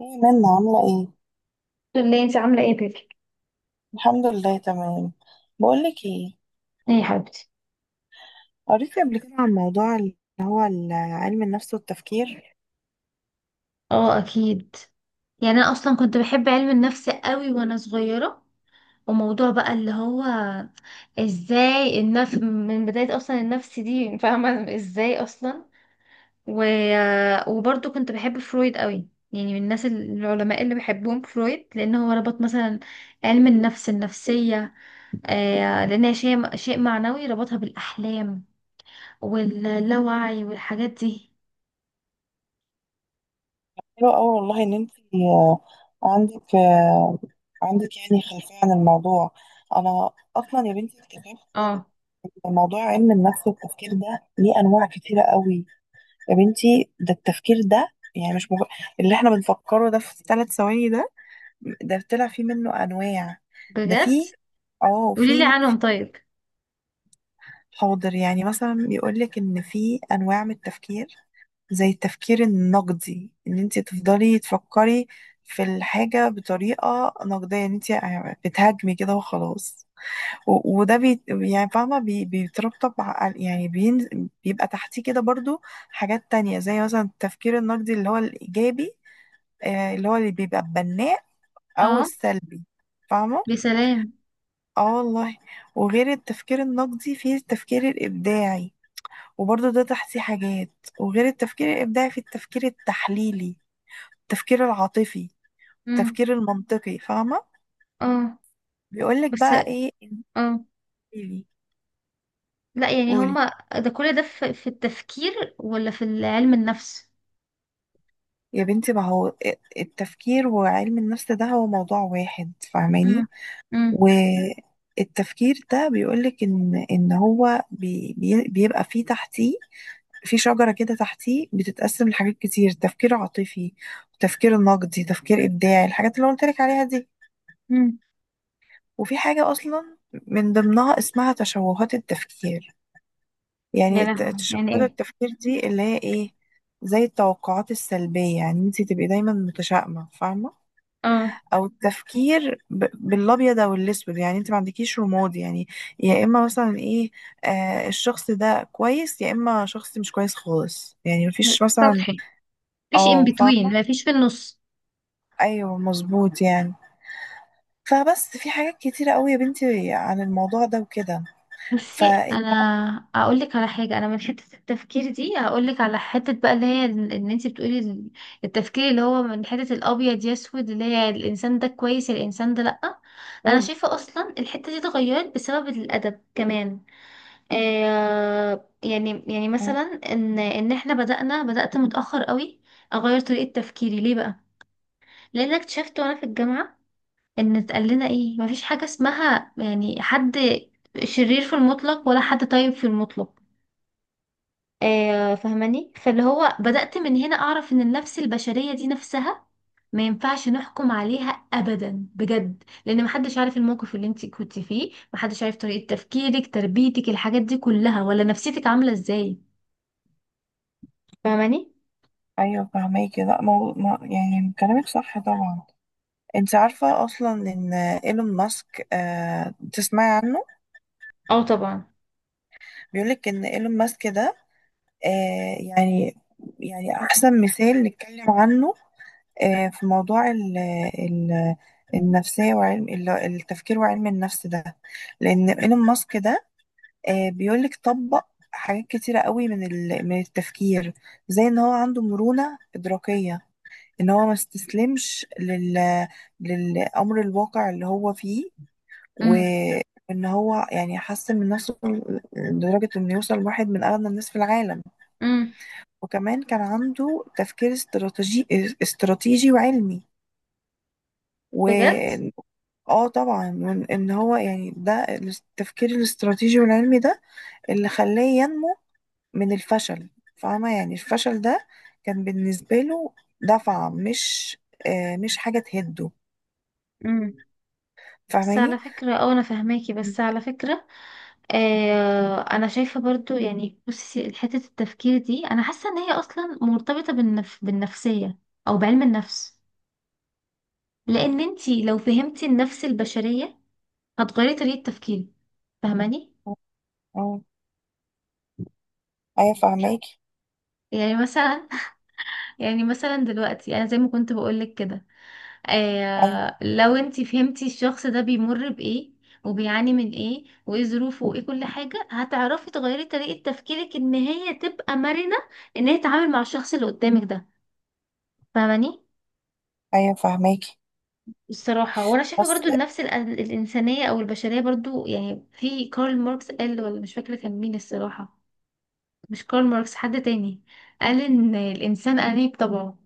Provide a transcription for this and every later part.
ايه منا عاملة ايه؟ الحمد لله، انت عامله ايه بيبي؟ الحمد لله تمام. بقولك ايه. ايه يا حبيبتي. قريتي قبل كده عن موضوع اللي هو علم النفس والتفكير. اه اكيد. يعني انا اصلا كنت بحب علم النفس قوي وانا صغيره. وموضوع بقى اللي هو ازاي النفس من بدايه، اصلا النفس دي فاهمه ازاي اصلا و... وبرضه كنت بحب فرويد قوي، يعني من الناس العلماء اللي بحبهم فرويد، لان هو ربط مثلا علم النفس، النفسيه، آه لان هي شيء معنوي، ربطها بالاحلام واللاوعي والحاجات دي. حلو اوي والله ان انت، عندك آه، عندك يعني خلفية عن الموضوع. انا اصلا يا بنتي اكتشفت اه، إن موضوع علم النفس والتفكير ده ليه انواع كتيرة قوي. يا بنتي ده التفكير ده، يعني مش مغ... اللي احنا بنفكره ده في ثلاث ثواني ده، طلع فيه منه انواع. ده بجد؟ فيه، اه قولي لي في. عنهم طيب. حاضر، يعني مثلا بيقولك ان في انواع من التفكير، زي التفكير النقدي، ان انت تفضلي تفكري في الحاجة بطريقة نقدية، ان انت بتهاجمي كده وخلاص. وده، يعني فاهمة، بيترتب يعني بين، بيبقى تحتيه كده برضو حاجات تانية، زي مثلا التفكير النقدي اللي هو الإيجابي، اللي هو اللي بيبقى بناء أو اه، السلبي. فاهمة؟ يا سلام. اه والله. وغير التفكير النقدي فيه التفكير الإبداعي، وبرضه ده تحصي حاجات. وغير التفكير الإبداعي في التفكير التحليلي، التفكير العاطفي، امم التفكير المنطقي، فاهمة. اه، بيقولك بس. بقى ايه؟ اه، انتيلي لا يعني قولي. هما، ده كل ده في التفكير ولا في علم النفس؟ يا بنتي، ما هو التفكير وعلم النفس ده هو موضوع واحد، امم فاهماني. امم والتفكير ده بيقولك ان هو، بي بي بيبقى فيه تحتيه في شجرة كده، تحتيه بتتقسم لحاجات كتير: تفكير عاطفي، تفكير نقدي، تفكير إبداعي، الحاجات اللي قلت لك عليها دي. امم وفي حاجة أصلا من ضمنها اسمها تشوهات التفكير. يعني يا لهوي، يعني تشوهات ايه؟ التفكير دي اللي هي إيه؟ زي التوقعات السلبية، يعني انت تبقي دايما متشائمة، فاهمة. اه، أو التفكير بالأبيض أو الأسود، يعني انت ما عندكيش رماد، يعني يا إما مثلا إيه، آه، الشخص ده كويس يا إما شخص مش كويس خالص، يعني مفيش مثلا. سطحي. مفيش in اه، between، فاهمة. مفيش في النص. أيوه مظبوط، يعني فبس في حاجات كتيرة قوي يا بنتي عن الموضوع ده وكده. بصي انا اقول لك على حاجه، انا من حته التفكير دي هقول لك على حته بقى اللي هي ان انت بتقولي التفكير اللي هو من حته الابيض يسود، اللي هي الانسان ده كويس الانسان ده لا. انا فقولي. شايفه اصلا الحته دي اتغيرت بسبب الادب كمان. آه، يعني مثلا ان احنا بدانا، بدات متاخر قوي اغير طريقه تفكيري، ليه بقى؟ لان أنا اكتشفت وانا في الجامعه ان اتقال لنا ايه، مفيش حاجة اسمها يعني حد شرير في المطلق ولا حد طيب في المطلق. آه، فاهماني؟ فاللي هو مم. بدأت من هنا اعرف ان النفس البشرية دي نفسها ما ينفعش نحكم عليها ابدا بجد، لان محدش عارف الموقف اللي انت كنت فيه، محدش عارف طريقة تفكيرك، تربيتك، الحاجات دي كلها، ولا نفسيتك عاملة ازاي. فاهماني؟ ايوه فهماكي. لا، مو... ما... يعني كلامك صح طبعا. انت عارفه اصلا ان ايلون ماسك، تسمعي عنه؟ اه طبعا. بيقولك ان ايلون ماسك ده، يعني، احسن مثال نتكلم عنه، في موضوع ال... النفسيه وعلم التفكير وعلم النفس ده، لان ايلون ماسك ده، بيقولك طبق حاجات كتيرة قوي من التفكير. زي ان هو عنده مرونة إدراكية، ان هو ما استسلمش للامر الواقع اللي هو فيه، امم وان هو يعني حسن من نفسه لدرجة انه يوصل واحد من اغنى الناس في العالم. امم وكمان كان عنده تفكير استراتيجي وعلمي. و بجد. اه طبعا، ان هو يعني ده التفكير الاستراتيجي والعلمي ده اللي خلاه ينمو من الفشل. فاهمة، يعني الفشل ده كان بالنسبة له دفعة، مش حاجة تهده، امم. بس على فاهماني. فكرة، اه انا فاهماكي، مم. بس على فكرة آه انا شايفه برضو، يعني بصي حته التفكير دي انا حاسه ان هي اصلا مرتبطه بالنفسيه او بعلم النفس، لان انتي لو فهمتي النفس البشريه هتغيري طريقه تفكيرك. فاهماني؟ ايوه فهماكي. يعني مثلا يعني مثلا دلوقتي انا زي ما كنت بقولك كده، ايوه، آه لو انتي فهمتي الشخص ده بيمر بايه وبيعاني من ايه وايه ظروفه وايه كل حاجه، هتعرفي تغيري طريقه تفكيرك ان هي تبقى مرنه، ان هي تتعامل مع الشخص اللي قدامك ده. فاهماني؟ ايوه فهماكي. الصراحة وأنا شايفة بس. برضو النفس الإنسانية أو البشرية برضو، يعني في كارل ماركس قال، ولا مش فاكرة كان مين الصراحة، مش كارل ماركس، حد تاني قال إن الإنسان أنيب طبعه.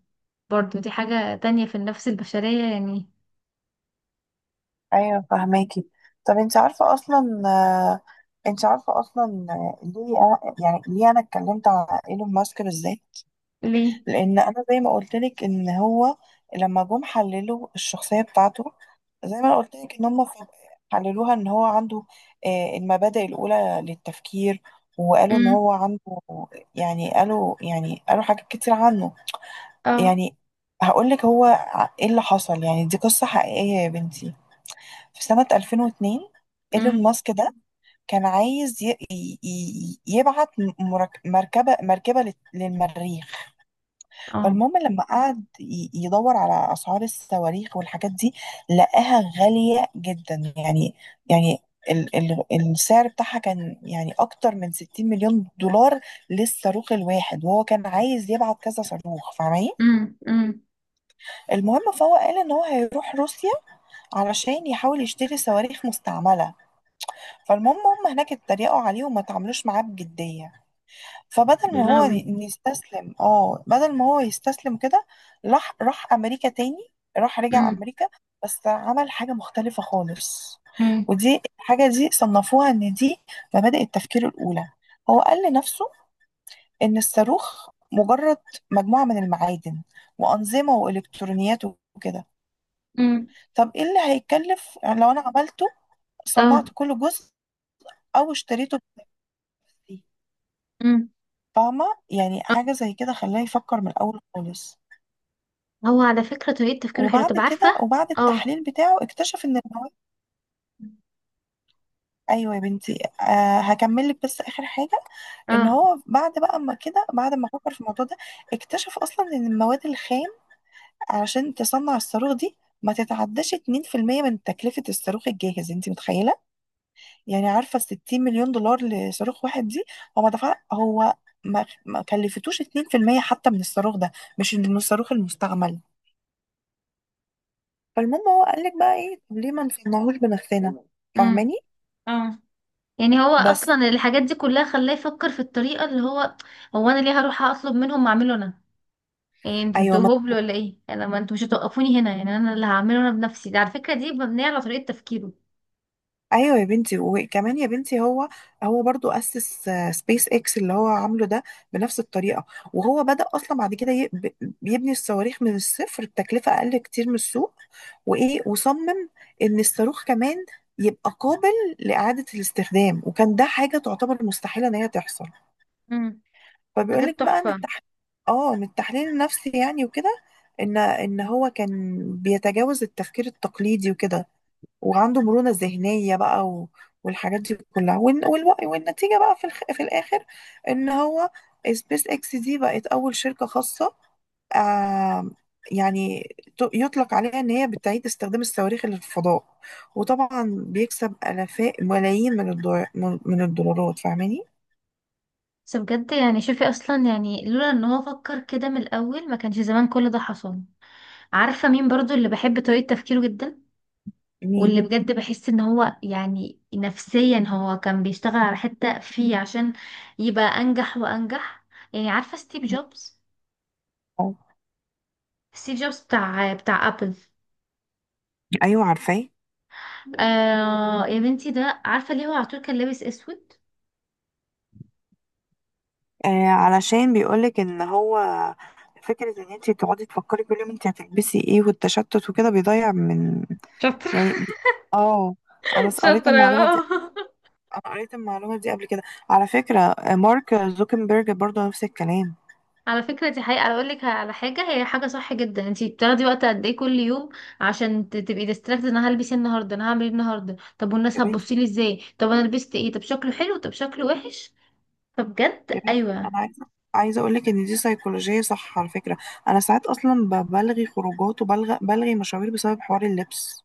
برضو دي حاجة تانية في النفس البشرية يعني. ايوه فهماكي. طب انت عارفه اصلا ليه يعني ليه انا اتكلمت على ايلون ماسك بالذات؟ ليه؟ لان انا زي ما قلت لك ان هو لما جم حللوا الشخصيه بتاعته، زي ما قلت لك ان هم ف- حللوها ان هو عنده، المبادئ الاولى للتفكير، وقالوا ان امم هو عنده، يعني قالوا، حاجات كتير عنه. اه. يعني هقولك هو، ايه اللي حصل، يعني دي قصة حقيقية يا بنتي. في سنة 2002 ايلون امم ماسك ده كان عايز يبعت مركبة للمريخ. اه. فالمهم، لما قعد يدور على أسعار الصواريخ والحاجات دي، لقاها غالية جدا، يعني، يعني ال السعر بتاعها كان يعني أكتر من 60 مليون دولار للصاروخ الواحد، وهو كان عايز يبعت كذا صاروخ، فاهمة. امم امم المهم فهو قال ان هو هيروح روسيا علشان يحاول يشتري صواريخ مستعملة. فالمهم هم هناك اتريقوا عليه وما تعاملوش معاه بجدية. فبدل يا ما هو لهوي. ي- إن يستسلم اه بدل ما هو يستسلم كده، راح امريكا تاني. رجع امم امريكا، بس عمل حاجة مختلفة خالص. امم ودي الحاجة دي صنفوها ان دي مبادئ التفكير الاولى. هو قال لنفسه ان الصاروخ مجرد مجموعة من المعادن وأنظمة وإلكترونيات وكده. امم طب ايه اللي هيتكلف يعني لو انا عملته، صنعت اه. كل جزء او اشتريته بنفسي؟ امم فاهمة. يعني حاجة زي كده خلاه يفكر من الاول خالص. هو على فكرة طريقة تفكيره حلوة، وبعد طب عارفة؟ كده، وبعد اه. التحليل بتاعه، اكتشف ان المواد. ايوه يا بنتي، هكمل لك بس اخر حاجه. ان اه. هو بعد بقى، اما كده بعد ما فكر في الموضوع ده، اكتشف اصلا ان المواد الخام علشان تصنع الصاروخ دي ما تتعداش 2% من تكلفه الصاروخ الجاهز، انت متخيله؟ يعني عارفه ال 60 مليون دولار لصاروخ واحد دي، هو، ما كلفتوش 2% حتى من الصاروخ ده، مش من الصاروخ المستعمل. فالمهم هو قال لك بقى ايه: طب ليه ما نصنعوش بنفسنا، امم. فاهماني. اه. يعني هو بس. اصلا الحاجات دي كلها خلاه يفكر في الطريقه اللي هو، هو انا ليه هروح اطلب منهم واعمله انا؟ يعني انتوا ايوه ما انتوا هبل ولا ايه؟ انا، ما انتوا مش هتوقفوني هنا، يعني انا اللي هعمله انا بنفسي ده. على فكره دي مبنيه على طريقه تفكيره. ايوه يا بنتي. وكمان يا بنتي هو برضو اسس سبيس اكس اللي هو عامله ده بنفس الطريقه. وهو بدأ اصلا بعد كده بيبني الصواريخ من الصفر بتكلفه اقل كتير من السوق. وايه، وصمم ان الصاروخ كمان يبقى قابل لإعادة الاستخدام، وكان ده حاجة تعتبر مستحيلة ان هي تحصل. امم. فبيقول بجد لك بقى ان تحفة. التحليل، اه من التحليل النفسي يعني وكده، ان هو كان بيتجاوز التفكير التقليدي وكده، وعنده مرونة ذهنية بقى، والحاجات دي كلها، والنتيجة بقى في الآخر إن هو سبيس إكس دي بقت أول شركة خاصة، آم، يعني يطلق عليها إن هي بتعيد استخدام الصواريخ للفضاء، وطبعا بيكسب آلاف ملايين من الدولار، من الدولارات، فاهماني؟ بس بجد يعني شوفي اصلا، يعني لولا ان هو فكر كده من الاول ما كانش زمان كل ده حصل. عارفه مين برضو اللي بحب طريقه تفكيره جدا، مين؟ واللي بجد بحس ان هو يعني نفسيا هو كان بيشتغل على حتة فيه عشان يبقى انجح وانجح؟ يعني عارفة ستيف جوبز؟ آه. ستيف جوبز بتاع ابل. ايوه عارفاه. آه يا بنتي، ده عارفة ليه هو على طول كان لابس اسود؟ آه، علشان بيقولك ان هو فكره ان انت تقعدي تفكري كل يوم انت هتلبسي ايه، والتشتت وكده بيضيع من، شاطرة. يعني اه قريت شاطرة المعلومه دي. اه. انا قريت المعلومه دي قبل كده. على فكره، مارك زوكنبيرج برضو نفس الكلام. على فكرة دي حقيقة. اقول لك على حاجة، هي حاجة صح جدا، انتي بتاخدي وقت قد ايه كل يوم عشان تبقي ديستراكت، انا هلبس ايه النهاردة، انا هعمل ايه النهاردة، طب والناس يا بنتي، هتبصيلي ازاي، طب انا لبست ايه، طب شكله حلو طب شكله وحش. يا فبجد بنتي ايوه. انا عايزه، اقول لك ان دي سيكولوجيه صح على فكره. انا ساعات اصلا بلغي خروجات، بلغي مشاوير بسبب حوار اللبس.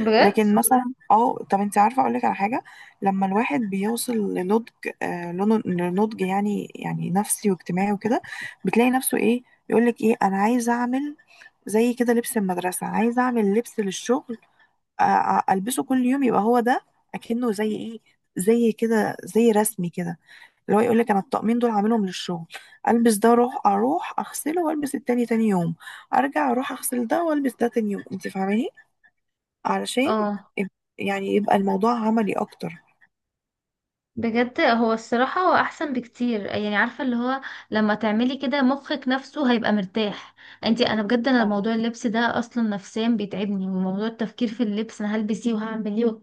بجد. لكن مثلا، طب انت عارفه، اقول لك على حاجه: لما الواحد بيوصل لنضج، لنضج يعني، نفسي واجتماعي وكده، بتلاقي نفسه ايه يقول لك: ايه انا عايز اعمل زي كده لبس المدرسه، عايز اعمل لبس للشغل، البسه كل يوم، يبقى هو ده، اكنه زي ايه، زي كده، زي رسمي كده. اللي هو يقول لك انا الطقمين دول عاملهم للشغل: البس ده اروح، اغسله، والبس التاني تاني يوم، ارجع اروح اغسل ده والبس ده تاني يوم، انت فاهماني، علشان اه يب- يعني يبقى الموضوع عملي اكتر. بجد هو الصراحة، هو أحسن بكتير. يعني عارفة اللي هو لما تعملي كده مخك نفسه هيبقى مرتاح. انتي، أنا بجد أنا موضوع اللبس ده أصلا نفسيا بيتعبني، وموضوع التفكير في اللبس أنا هلبس ايه وهعمل ايه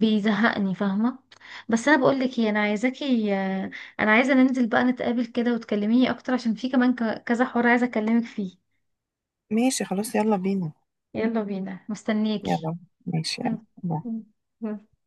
بيزهقني. فاهمة؟ بس أنا بقولك ايه، أنا عايزاكي، أنا عايزة ننزل بقى نتقابل كده وتكلميني أكتر، عشان في كمان كذا حوار عايزة أكلمك فيه. ماشي خلاص، يلا بينا. يلا بينا، مستنياكي. يلا. ماشي. يلا. يلا.